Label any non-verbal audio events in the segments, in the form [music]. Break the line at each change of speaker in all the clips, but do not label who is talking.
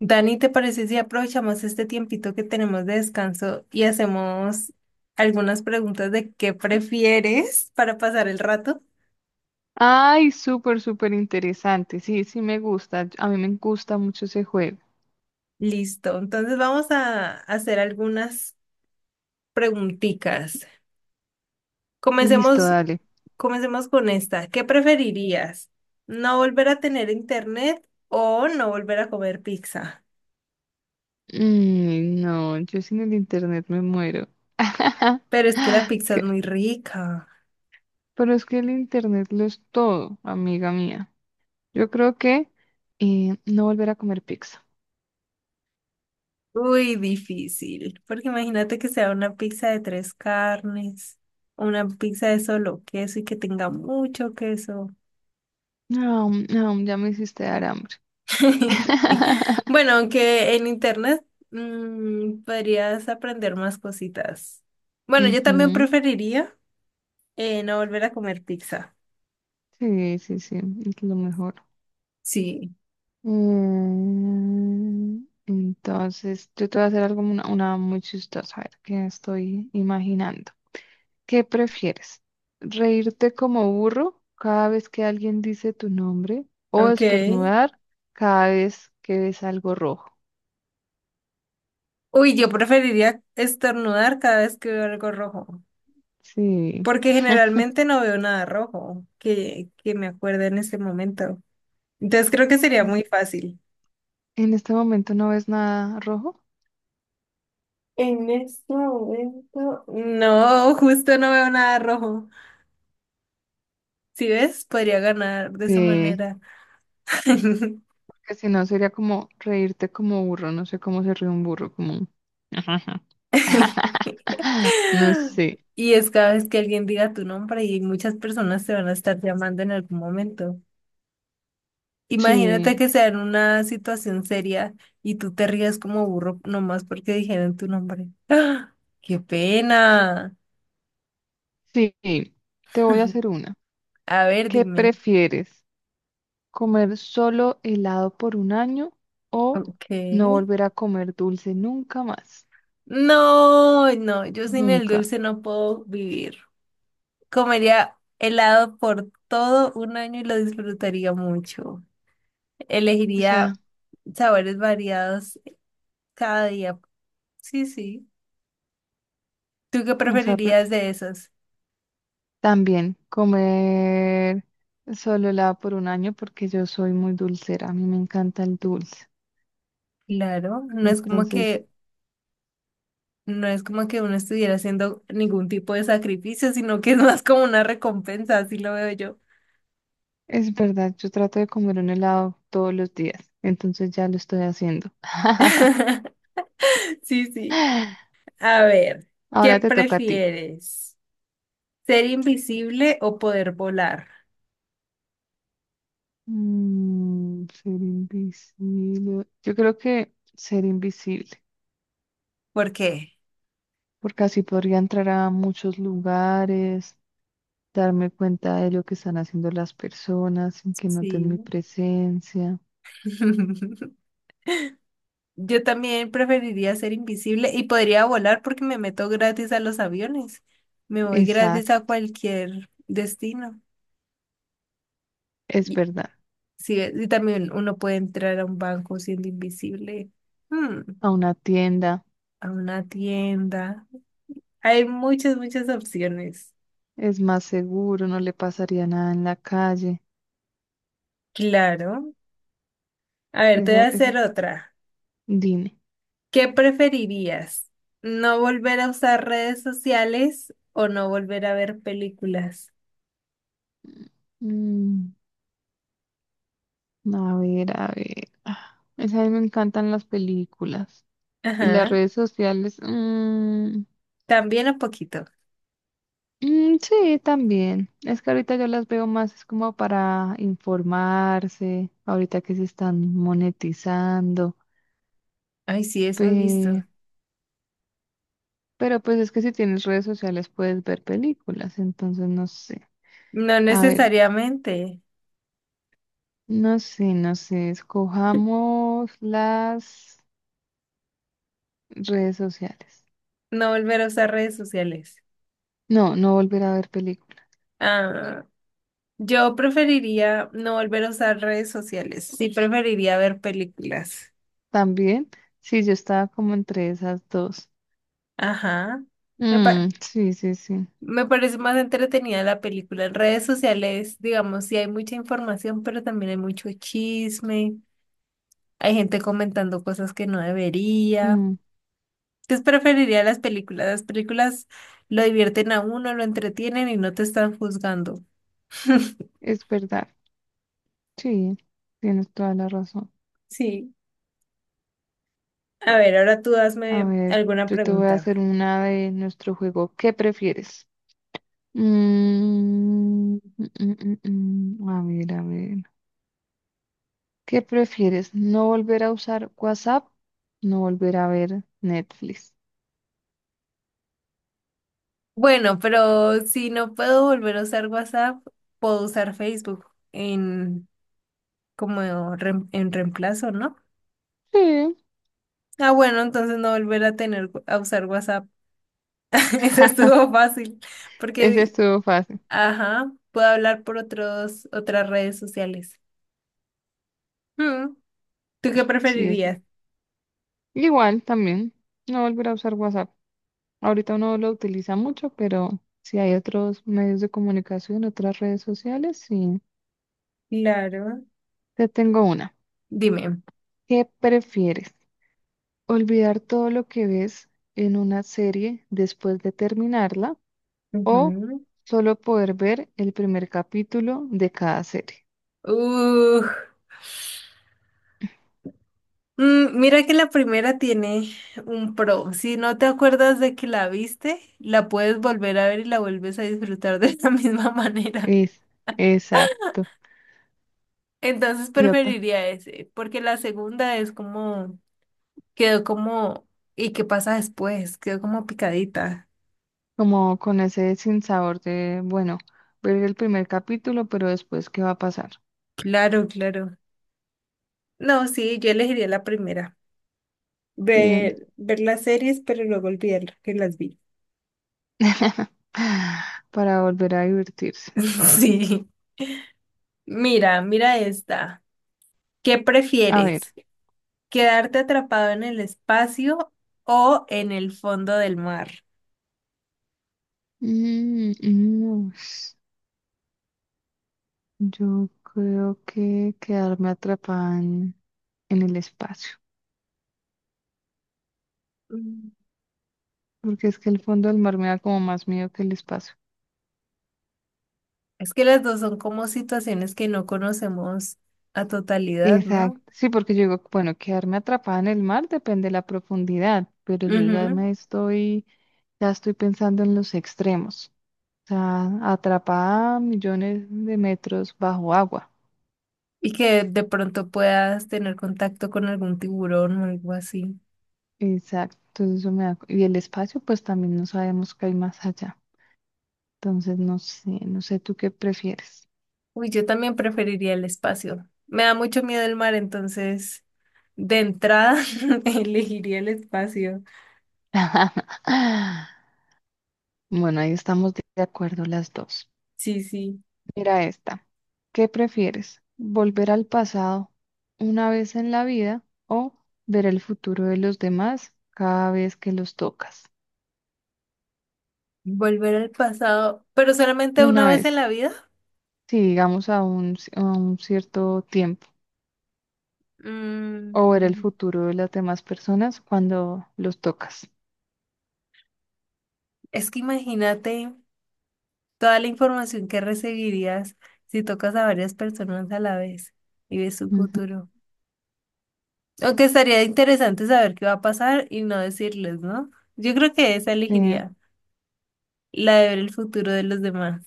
Dani, ¿te parece si aprovechamos este tiempito que tenemos de descanso y hacemos algunas preguntas de qué prefieres para pasar el rato?
Ay, súper, súper interesante. Sí, sí me gusta. A mí me gusta mucho ese juego.
Listo, entonces vamos a hacer algunas preguntitas.
Listo,
Comencemos,
dale.
comencemos con esta. ¿Qué preferirías? ¿No volver a tener internet o no volver a comer pizza?
Mm, no, yo sin el internet me muero. [laughs]
Pero es que la pizza es
Que-
muy rica.
Pero es que el internet lo es todo, amiga mía. Yo creo que no volver a comer pizza.
Uy, difícil, porque imagínate que sea una pizza de tres carnes, una pizza de solo queso y que tenga mucho queso.
No, no, ya me hiciste dar hambre.
[laughs]
[laughs]
Bueno, aunque en internet podrías aprender más cositas. Bueno, yo también
Ujú.
preferiría no volver a comer pizza.
Sí, sí, sí, es lo mejor.
Sí,
Entonces, yo te voy a hacer algo, una muy chistosa, a ver, que estoy imaginando. ¿Qué prefieres? ¿Reírte como burro cada vez que alguien dice tu nombre o
ok.
estornudar cada vez que ves algo rojo?
Uy, yo preferiría estornudar cada vez que veo algo rojo,
Sí.
porque generalmente no veo nada rojo que me acuerde en este momento. Entonces creo que sería muy fácil.
¿En este momento no ves nada rojo?
En este momento, no, justo no veo nada rojo. Si ves, podría ganar de esa
Sí.
manera. [laughs]
Porque si no, sería como reírte como burro. No sé cómo se ríe un burro, como... [laughs] No sé.
Y es cada vez que alguien diga tu nombre y muchas personas te van a estar llamando en algún momento. Imagínate
Sí.
que sea en una situación seria y tú te rías como burro nomás porque dijeron tu nombre. [gasps] ¡Ah! ¡Qué pena!
Sí, te voy a
[laughs]
hacer una.
A ver,
¿Qué
dime.
prefieres? ¿Comer solo helado por un año o
Ok.
no volver a comer dulce nunca más?
No, no, yo sin el
Nunca.
dulce no puedo vivir. Comería helado por todo un año y lo disfrutaría mucho.
O
Elegiría
sea,
sabores variados cada día. Sí, sí. ¿Tú qué
o sea,
preferirías de esos?
también comer solo helado por un año porque yo soy muy dulcera. A mí me encanta el dulce.
Claro, no es como
Entonces,
que no es como que uno estuviera haciendo ningún tipo de sacrificio, sino que es más como una recompensa, así lo veo yo.
es verdad, yo trato de comer un helado todos los días. Entonces ya lo estoy haciendo.
[laughs] Sí, sí.
[gasps] [laughs]
A ver, ¿qué
Ahora te toca a ti.
prefieres? Ser invisible o poder volar.
Mm, ser invisible. Yo creo que ser invisible,
¿Por qué?
porque así podría entrar a muchos lugares, darme cuenta de lo que están haciendo las personas sin que
Sí.
noten mi presencia.
[laughs] Yo también preferiría ser invisible y podría volar porque me meto gratis a los aviones. Me voy gratis a
Exacto,
cualquier destino.
es
Y,
verdad.
sí, y también uno puede entrar a un banco siendo invisible. Hmm,
A una tienda
a una tienda. Hay muchas, muchas opciones.
es más seguro, no le pasaría nada en la calle.
Claro. A ver, te voy a
Esa,
hacer otra.
dime.
¿Qué preferirías? ¿No volver a usar redes sociales o no volver a ver películas?
Mm, a ver, a ver. Ah, esa a mí me encantan las películas. Y las
Ajá,
redes sociales, mm,
también un poquito.
mm, sí, también. Es que ahorita yo las veo más es como para informarse, ahorita que se están monetizando.
Ay, sí, eso he visto.
pe- pero pues es que si tienes redes sociales puedes ver películas, entonces no sé.
No
A ver,
necesariamente.
no sé, no sé, escojamos las redes sociales.
No volver a usar redes sociales.
No, no volver a ver películas.
Ah, yo preferiría no volver a usar redes sociales. Sí, preferiría ver películas.
También, sí, yo estaba como entre esas dos.
Ajá. Me, pa-
Mm, sí, sí, sí.
me parece más entretenida la película. En redes sociales, digamos, sí hay mucha información, pero también hay mucho chisme. Hay gente comentando cosas que no debería.
Mm.
Entonces preferiría las películas. Las películas lo divierten a uno, lo entretienen y no te están juzgando. [laughs]
Es verdad, sí, tienes toda la razón.
Sí. A ver, ahora tú
A
hazme
ver,
alguna
yo te voy a
pregunta.
hacer una de nuestro juego. ¿Qué prefieres? Mm, mm, mm, mm. A ver, a ver. ¿Qué prefieres? ¿No volver a usar WhatsApp? ¿No volver a ver Netflix?
Bueno, pero si no puedo volver a usar WhatsApp, puedo usar Facebook en como en reemplazo, ¿no?
Sí,
Ah, bueno, entonces no volver a tener a usar WhatsApp. [laughs] Eso estuvo
[laughs]
fácil,
ese
porque,
estuvo fácil.
ajá, puedo hablar por otros otras redes sociales. Mm, ¿tú qué
Sí, ese.
preferirías?
Igual también, no volver a usar WhatsApp. Ahorita uno lo utiliza mucho, pero si hay otros medios de comunicación, otras redes sociales, sí.
Claro.
Te tengo una.
Dime.
¿Qué prefieres? ¿Olvidar todo lo que ves en una serie después de terminarla o
Ujú.
solo poder ver el primer capítulo de cada serie?
Uh, mm, mira que la primera tiene un pro. Si no te acuerdas de que la viste, la puedes volver a ver y la vuelves a disfrutar de la [laughs] misma manera.
Es, exacto.
Entonces
Idiota.
preferiría ese, porque la segunda es como, quedó como, ¿y qué pasa después? Quedó como picadita.
Como con ese sinsabor de, bueno, ver el primer capítulo, pero después, ¿qué va a pasar?
Claro, claro. No, sí, yo elegiría la primera.
Sí.
Ver las series, pero luego olvidar que las vi.
[laughs] Para volver a divertirse.
[laughs] Sí. Mira esta. ¿Qué
A ver.
prefieres? ¿Quedarte atrapado en el espacio o en el fondo del mar?
Mm, mm, yo creo que quedarme atrapada en el espacio,
Mm.
porque es que el fondo del mar me da como más miedo que el espacio.
Es que las dos son como situaciones que no conocemos a totalidad, ¿no?
Exacto, sí, porque yo digo, bueno, quedarme atrapada en el mar depende de la profundidad, pero yo ya
Ujú.
me estoy, ya estoy pensando en los extremos, o sea, atrapada a millones de metros bajo agua.
Y que de pronto puedas tener contacto con algún tiburón o algo así.
Exacto, entonces eso me da, y el espacio, pues también no sabemos qué hay más allá. Entonces, no sé, no sé tú qué prefieres.
Uy, yo también preferiría el espacio. Me da mucho miedo el mar, entonces de entrada [laughs] elegiría el espacio.
[laughs] Bueno, ahí estamos de acuerdo las dos.
Sí, sí.
Mira esta. ¿Qué prefieres? ¿Volver al pasado una vez en la vida o ver el futuro de los demás cada vez que los tocas?
Volver al pasado, pero solamente una
Una
vez en
vez,
la vida.
sí, digamos a un, a un cierto tiempo, o ver el
Mm,
futuro de las demás personas cuando los tocas.
es que imagínate toda la información que recibirías si tocas a varias personas a la vez y ves su
Ujú.
futuro. Aunque estaría interesante saber qué va a pasar y no decirles, ¿no? Yo creo que esa
Sí,
elegiría, la de ver el futuro de los demás.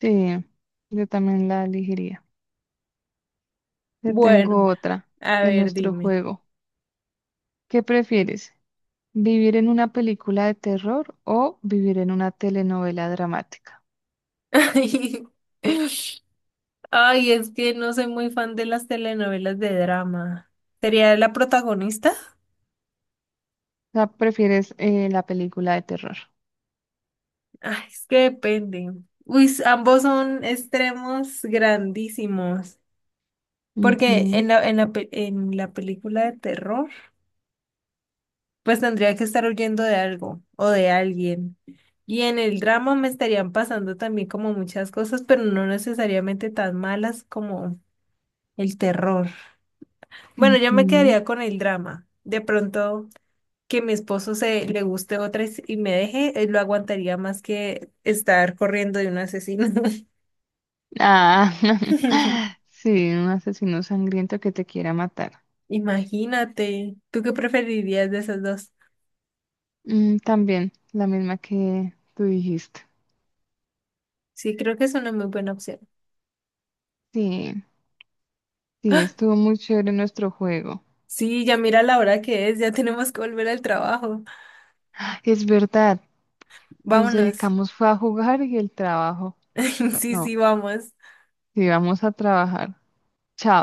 sí, yo también la elegiría. Te
Bueno.
tengo otra
A
en
ver,
nuestro
dime.
juego. ¿Qué prefieres? ¿Vivir en una película de terror o vivir en una telenovela dramática?
[laughs] Ay, es que no soy muy fan de las telenovelas de drama. ¿Sería la protagonista?
O sea, prefieres la película de terror.
Ay, es que depende. Uy, s- ambos son extremos grandísimos. Porque
Ujú,
en la película de terror, pues tendría que estar huyendo de algo o de alguien. Y en el drama me estarían pasando también como muchas cosas, pero no necesariamente tan malas como el terror. Bueno, yo me
ujú.
quedaría con el drama. De pronto que mi esposo se le guste otra y y me deje, lo aguantaría más que estar corriendo de un asesino.
Ah,
[laughs]
[laughs] sí, un asesino sangriento que te quiera matar.
Imagínate, ¿tú qué preferirías de esas dos?
Mm, también, la misma que tú dijiste.
Sí, creo que es una muy buena opción.
Sí, sí, estuvo muy chévere nuestro juego.
Sí, ya mira la hora que es, ya tenemos que volver al trabajo.
Es verdad, nos
Vámonos.
dedicamos fue a jugar y el trabajo.
[laughs] Sí,
No,
sí, vamos.
sí, vamos a trabajar. Chao.